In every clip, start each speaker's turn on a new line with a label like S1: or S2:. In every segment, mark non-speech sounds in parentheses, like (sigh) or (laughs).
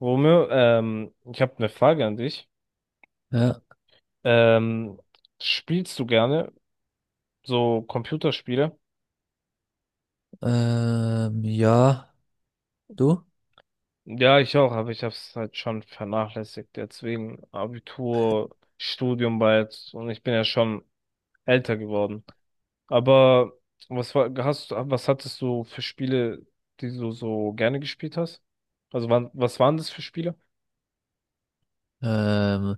S1: Romeo, ich habe eine Frage an dich.
S2: Ja,
S1: Ähm, Spielst du gerne so Computerspiele?
S2: ja, du?
S1: Ja, ich auch, aber ich habe es halt schon vernachlässigt. Jetzt wegen Abitur, Studium bald, und ich bin ja schon älter geworden. Aber was hattest du für Spiele, die du so gerne gespielt hast? Also was waren das für Spiele?
S2: Ähm,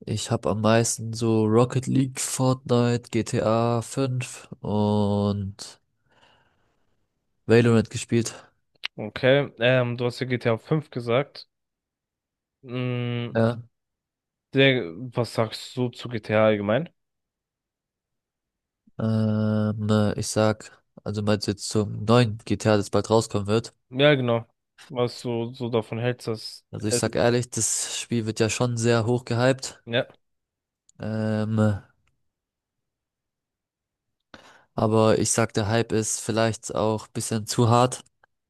S2: Ich habe am meisten so Rocket League, Fortnite, GTA 5 und Valorant gespielt.
S1: Okay, du hast ja GTA 5 gesagt. Mm,
S2: Ja,
S1: was sagst du zu GTA allgemein?
S2: Ich sag, also meinst du jetzt zum neuen GTA, das bald rauskommen wird?
S1: Ja, genau. Was du so davon hältst, dass
S2: Also ich
S1: es,
S2: sag ehrlich, das Spiel wird ja schon sehr hoch gehypt.
S1: ja,
S2: Ähm, aber ich sag, der Hype ist vielleicht auch bisschen zu hart,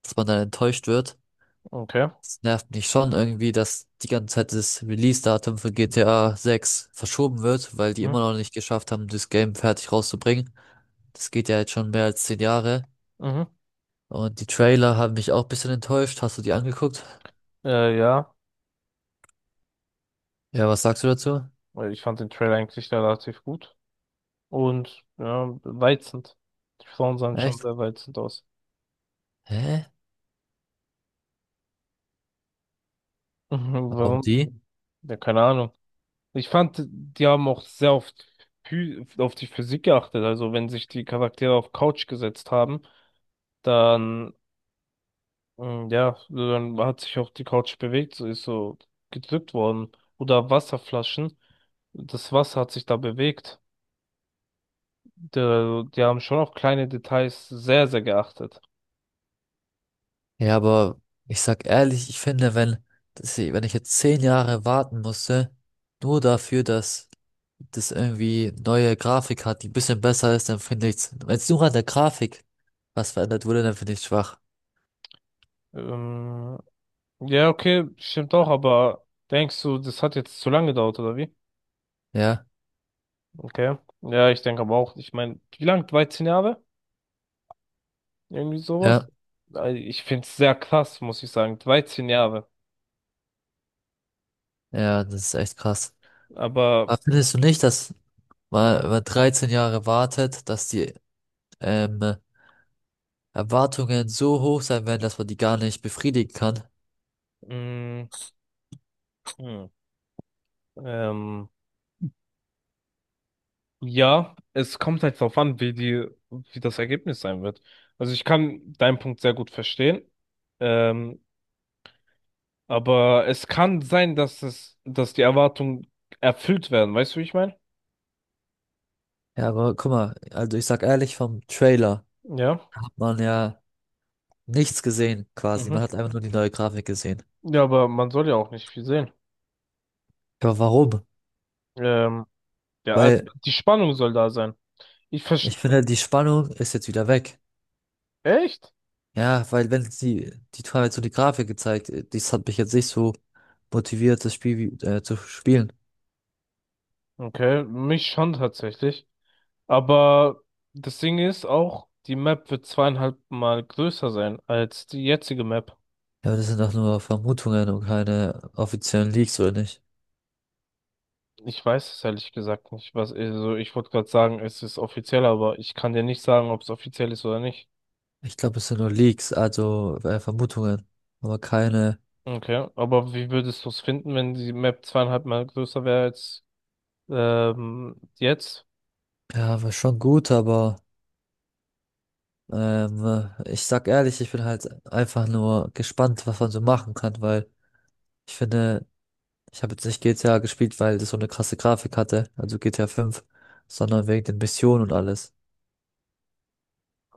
S2: dass man dann enttäuscht wird.
S1: okay.
S2: Es nervt mich schon irgendwie, dass die ganze Zeit das Release-Datum für GTA 6 verschoben wird, weil die
S1: Mhm.
S2: immer noch nicht geschafft haben, das Game fertig rauszubringen. Das geht ja jetzt schon mehr als 10 Jahre.
S1: Mhm.
S2: Und die Trailer haben mich auch ein bisschen enttäuscht. Hast du die angeguckt?
S1: Ja,
S2: Ja, was sagst du dazu?
S1: weil ich fand den Trailer eigentlich relativ gut. Und ja, reizend. Die Frauen sahen schon
S2: Echt?
S1: sehr reizend aus.
S2: Hä?
S1: Mhm,
S2: Warum
S1: warum?
S2: die?
S1: Ja, keine Ahnung. Ich fand, die haben auch sehr oft auf die Physik geachtet. Also wenn sich die Charaktere auf Couch gesetzt haben, dann, ja, so, dann hat sich auch die Couch bewegt, so ist so gedrückt worden. Oder Wasserflaschen. Das Wasser hat sich da bewegt. Die haben schon auf kleine Details sehr, sehr geachtet.
S2: Ja, aber ich sag ehrlich, ich finde, wenn ich jetzt 10 Jahre warten musste, nur dafür, dass das irgendwie neue Grafik hat, die ein bisschen besser ist, dann finde ich's. Wenn es nur an der Grafik was verändert wurde, dann finde ich schwach.
S1: Ähm, ja, okay, stimmt auch, aber denkst du, das hat jetzt zu lange gedauert, oder wie?
S2: Ja,
S1: Okay. Ja, ich denke aber auch, ich meine, wie lang? 13 Jahre? Irgendwie sowas?
S2: ja,
S1: Ich finde es sehr krass, muss ich sagen. 13 Jahre.
S2: ja, das ist echt krass.
S1: Aber,
S2: Aber findest du nicht, dass man, wenn
S1: ja.
S2: man 13 Jahre wartet, dass die ähm, Erwartungen so hoch sein werden, dass man die gar nicht befriedigen kann?
S1: mm, hm, ähm, Ja, es kommt halt darauf an, wie die, wie das Ergebnis sein wird. Also ich kann deinen Punkt sehr gut verstehen, ähm, aber es kann sein, dass die Erwartungen erfüllt werden. Weißt du, wie ich meine?
S2: Ja, aber guck mal, also ich sag ehrlich, vom Trailer
S1: Ja.
S2: hat man ja nichts gesehen quasi. Man
S1: Mhm.
S2: hat einfach nur die neue Grafik gesehen.
S1: Ja, aber man soll ja auch nicht viel sehen.
S2: Aber warum?
S1: Ähm, ja, also
S2: Weil
S1: die Spannung soll da sein. Ich verstehe.
S2: ich finde, die Spannung ist jetzt wieder weg.
S1: Echt?
S2: Ja, weil wenn sie, die haben jetzt so die Grafik gezeigt, das hat mich jetzt nicht so motiviert, das Spiel zu spielen.
S1: Okay, mich schon tatsächlich. Aber das Ding ist auch, die Map wird zweieinhalb Mal größer sein als die jetzige Map.
S2: Ja, aber das sind doch nur Vermutungen und keine offiziellen Leaks, oder nicht?
S1: Ich weiß es ehrlich gesagt nicht, was, also ich wollte gerade sagen, es ist offiziell, aber ich kann dir nicht sagen, ob es offiziell ist oder nicht.
S2: Ich glaube, es sind nur Leaks, also Vermutungen, aber keine,
S1: Okay, aber wie würdest du es finden, wenn die Map zweieinhalb Mal größer wäre als jetzt?
S2: ja, war schon gut, aber ähm, ich sag ehrlich, ich bin halt einfach nur gespannt, was man so machen kann, weil ich finde, ich habe jetzt nicht GTA gespielt, weil das so eine krasse Grafik hatte, also GTA fünf, sondern wegen den Missionen und alles.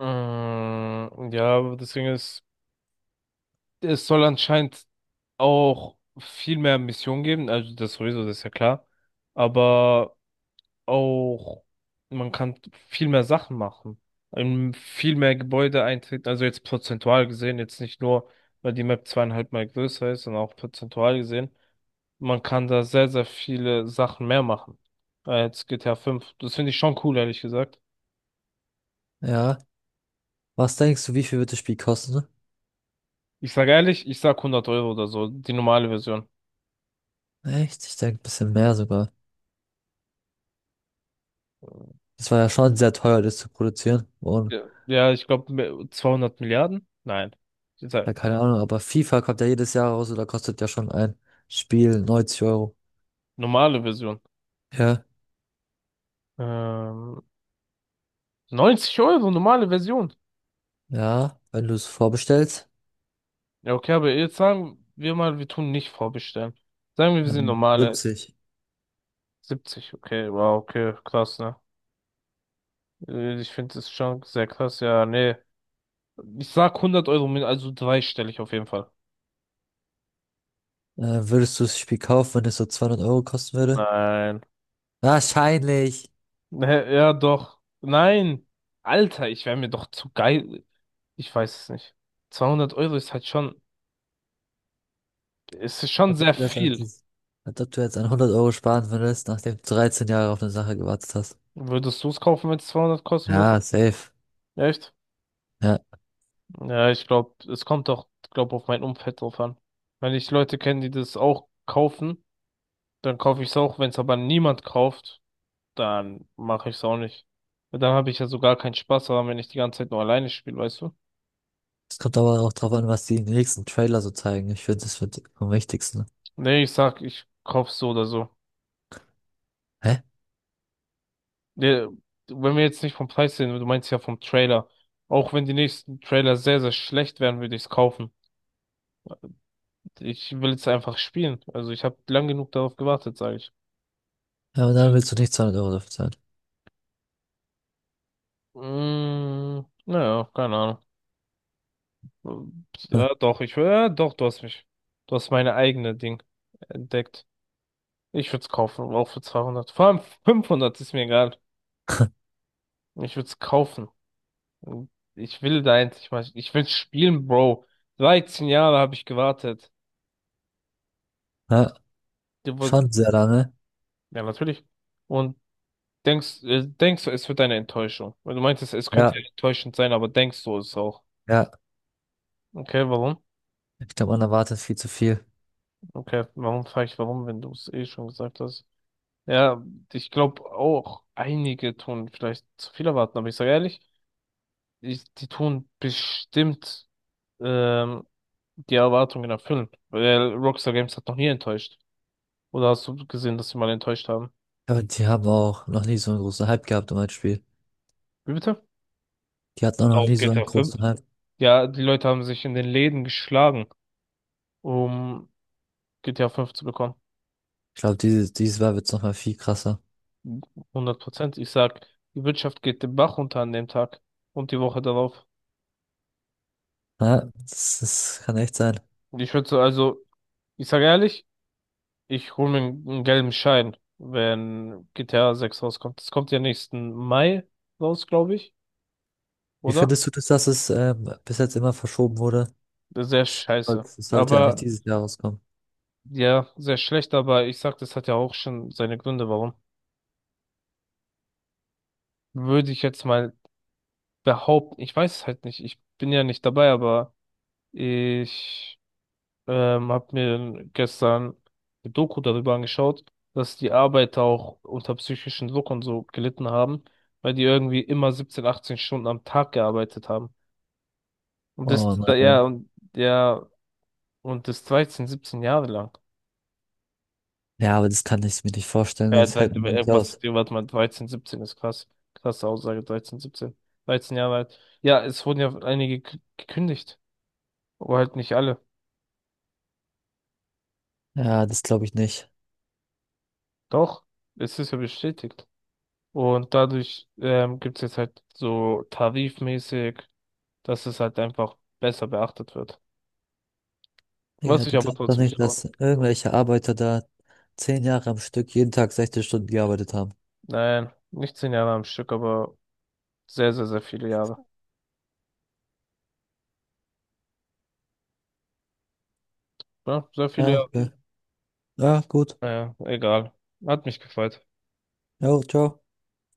S1: Ja, aber deswegen es soll anscheinend auch viel mehr Missionen geben, also das sowieso, das ist ja klar. Aber auch, man kann viel mehr Sachen machen, in viel mehr Gebäude eintreten, also jetzt prozentual gesehen, jetzt nicht nur, weil die Map zweieinhalb Mal größer ist, sondern auch prozentual gesehen. Man kann da sehr, sehr viele Sachen mehr machen als GTA 5. Das finde ich schon cool, ehrlich gesagt.
S2: Ja. Was denkst du, wie viel wird das Spiel kosten?
S1: Ich sage ehrlich, ich sag 100 € oder so, die normale Version.
S2: Echt? Ich denke, ein bisschen mehr sogar. Das war ja schon sehr teuer, das zu produzieren. Und
S1: Ja, ja, ich glaube 200 Milliarden? Nein, ich
S2: ja,
S1: sag,
S2: keine Ahnung, aber FIFA kommt ja jedes Jahr raus oder kostet ja schon ein Spiel neunzig Euro.
S1: normale Version.
S2: Ja.
S1: Ähm, 90 Euro, normale Version.
S2: Ja, wenn du es vorbestellst,
S1: Ja, okay, aber jetzt sagen wir mal, wir tun nicht vorbestellen. Sagen wir, wir sind normale
S2: 70.
S1: 70. Okay, wow, okay, krass, ne? Ich finde das schon sehr krass. Ja, nee. Ich sag 100 Euro, mit also dreistellig auf jeden Fall.
S2: Äh, Würdest du das Spiel kaufen, wenn es so 200 € kosten würde?
S1: Nein. (laughs)
S2: Wahrscheinlich.
S1: Ne, ja, doch. Nein. Alter, ich wäre mir doch zu geil. Ich weiß es nicht. 200 € ist halt schon, ist schon
S2: Als ob
S1: sehr
S2: du jetzt an,
S1: viel.
S2: dies- Als ob du jetzt an 100 € sparen würdest, nachdem du 13 Jahre auf eine Sache gewartet hast.
S1: Würdest du es kaufen, wenn es 200 kosten würde?
S2: Ja, safe.
S1: Echt?
S2: Ja.
S1: Ja, ich glaube, es kommt doch, glaube auf mein Umfeld drauf an. Wenn ich Leute kenne, die das auch kaufen, dann kaufe ich es auch. Wenn es aber niemand kauft, dann mache ich es auch nicht. Weil dann habe ich ja so gar keinen Spaß daran, wenn ich die ganze Zeit nur alleine spiele, weißt du?
S2: Es kommt aber auch drauf an, was die im nächsten Trailer so zeigen. Ich finde, das wird am wichtigsten.
S1: Nee, ich sag, ich kaufe so oder so.
S2: Hä?
S1: Nee, wenn wir jetzt nicht vom Preis sehen, du meinst ja vom Trailer. Auch wenn die nächsten Trailer sehr, sehr schlecht werden, würde ich es kaufen. Ich will es einfach spielen. Also ich habe lang genug darauf gewartet, sage ich.
S2: Ja, aber dann willst du nicht 200 € dafür zahlen.
S1: Mm, naja, keine Ahnung.
S2: Hm.
S1: Ja, doch, ich, ja, doch, du hast mich, du hast meine eigene Ding entdeckt. Ich würde es kaufen, auch für 200. Vor allem 500 ist mir egal. Ich würde es kaufen. Ich will da endlich mal, ich will spielen, Bro. 13 Jahre habe ich gewartet.
S2: Ja,
S1: Du woll-
S2: schon sehr lange.
S1: Ja, natürlich. Und denkst du, es wird eine Enttäuschung? Weil du meintest, es könnte
S2: Ja,
S1: ja enttäuschend sein, aber denkst du es auch?
S2: ja.
S1: Okay, warum?
S2: Ich glaube, man erwartet viel zu viel.
S1: Okay, warum frage ich warum, wenn du es eh schon gesagt hast? Ja, ich glaube auch, einige tun vielleicht zu viel erwarten, aber ich sage ehrlich, die tun bestimmt ähm, die Erwartungen erfüllen, weil Rockstar Games hat noch nie enttäuscht. Oder hast du gesehen, dass sie mal enttäuscht haben?
S2: Aber die haben auch noch nie so einen großen Hype gehabt um ein Spiel.
S1: Wie bitte?
S2: Die hatten auch noch
S1: Auf
S2: nie so einen
S1: GTA 5.
S2: großen Hype.
S1: Ja, die Leute haben sich in den Läden geschlagen, um GTA 5 zu bekommen.
S2: Ich glaube, dieses Mal wird es nochmal viel krasser.
S1: 100%. Ich sag, die Wirtschaft geht den Bach runter an dem Tag und die Woche darauf.
S2: Ja, das kann echt sein.
S1: Ich würde so, also, ich sage ehrlich, ich hole mir einen gelben Schein, wenn GTA 6 rauskommt. Das kommt ja nächsten Mai raus, glaube ich,
S2: Wie
S1: oder?
S2: findest du das, dass es bis jetzt immer verschoben wurde?
S1: Sehr scheiße.
S2: Es sollte ja nicht
S1: Aber.
S2: dieses Jahr rauskommen.
S1: Mhm. Ja, sehr schlecht, aber ich sag, das hat ja auch schon seine Gründe, warum. Würde ich jetzt mal behaupten, ich weiß es halt nicht, ich bin ja nicht dabei, aber ich habe mir gestern eine Doku darüber angeschaut, dass die Arbeiter auch unter psychischen Druck und so gelitten haben, weil die irgendwie immer 17, 18 Stunden am Tag gearbeitet haben. Und das,
S2: Oh
S1: ja,
S2: nein.
S1: und, ja, und das 13, 17 Jahre lang.
S2: Ja, aber das kann ich mir nicht vorstellen.
S1: Ja,
S2: Das hält man nicht
S1: irgendwas,
S2: aus.
S1: warte mal, 13, 17 ist krass. Krasse Aussage, 13, 17. 13 Jahre alt. Ja, es wurden ja einige gekündigt. Aber halt nicht alle.
S2: Ja, das glaube ich nicht.
S1: Doch, es ist ja bestätigt. Und dadurch gibt es jetzt halt so tarifmäßig, dass es halt einfach besser beachtet wird. Was
S2: Digga,
S1: sich
S2: du
S1: aber
S2: glaubst doch
S1: trotzdem nicht
S2: nicht,
S1: lohnt.
S2: dass irgendwelche Arbeiter da 10 Jahre am Stück jeden Tag 16 Stunden gearbeitet haben.
S1: Nein, nicht 10 Jahre am Stück, aber sehr, sehr, sehr viele Jahre. Ja, sehr viele.
S2: Ja, okay. Ja, gut.
S1: Naja, egal. Hat mich gefreut.
S2: Ja, ciao.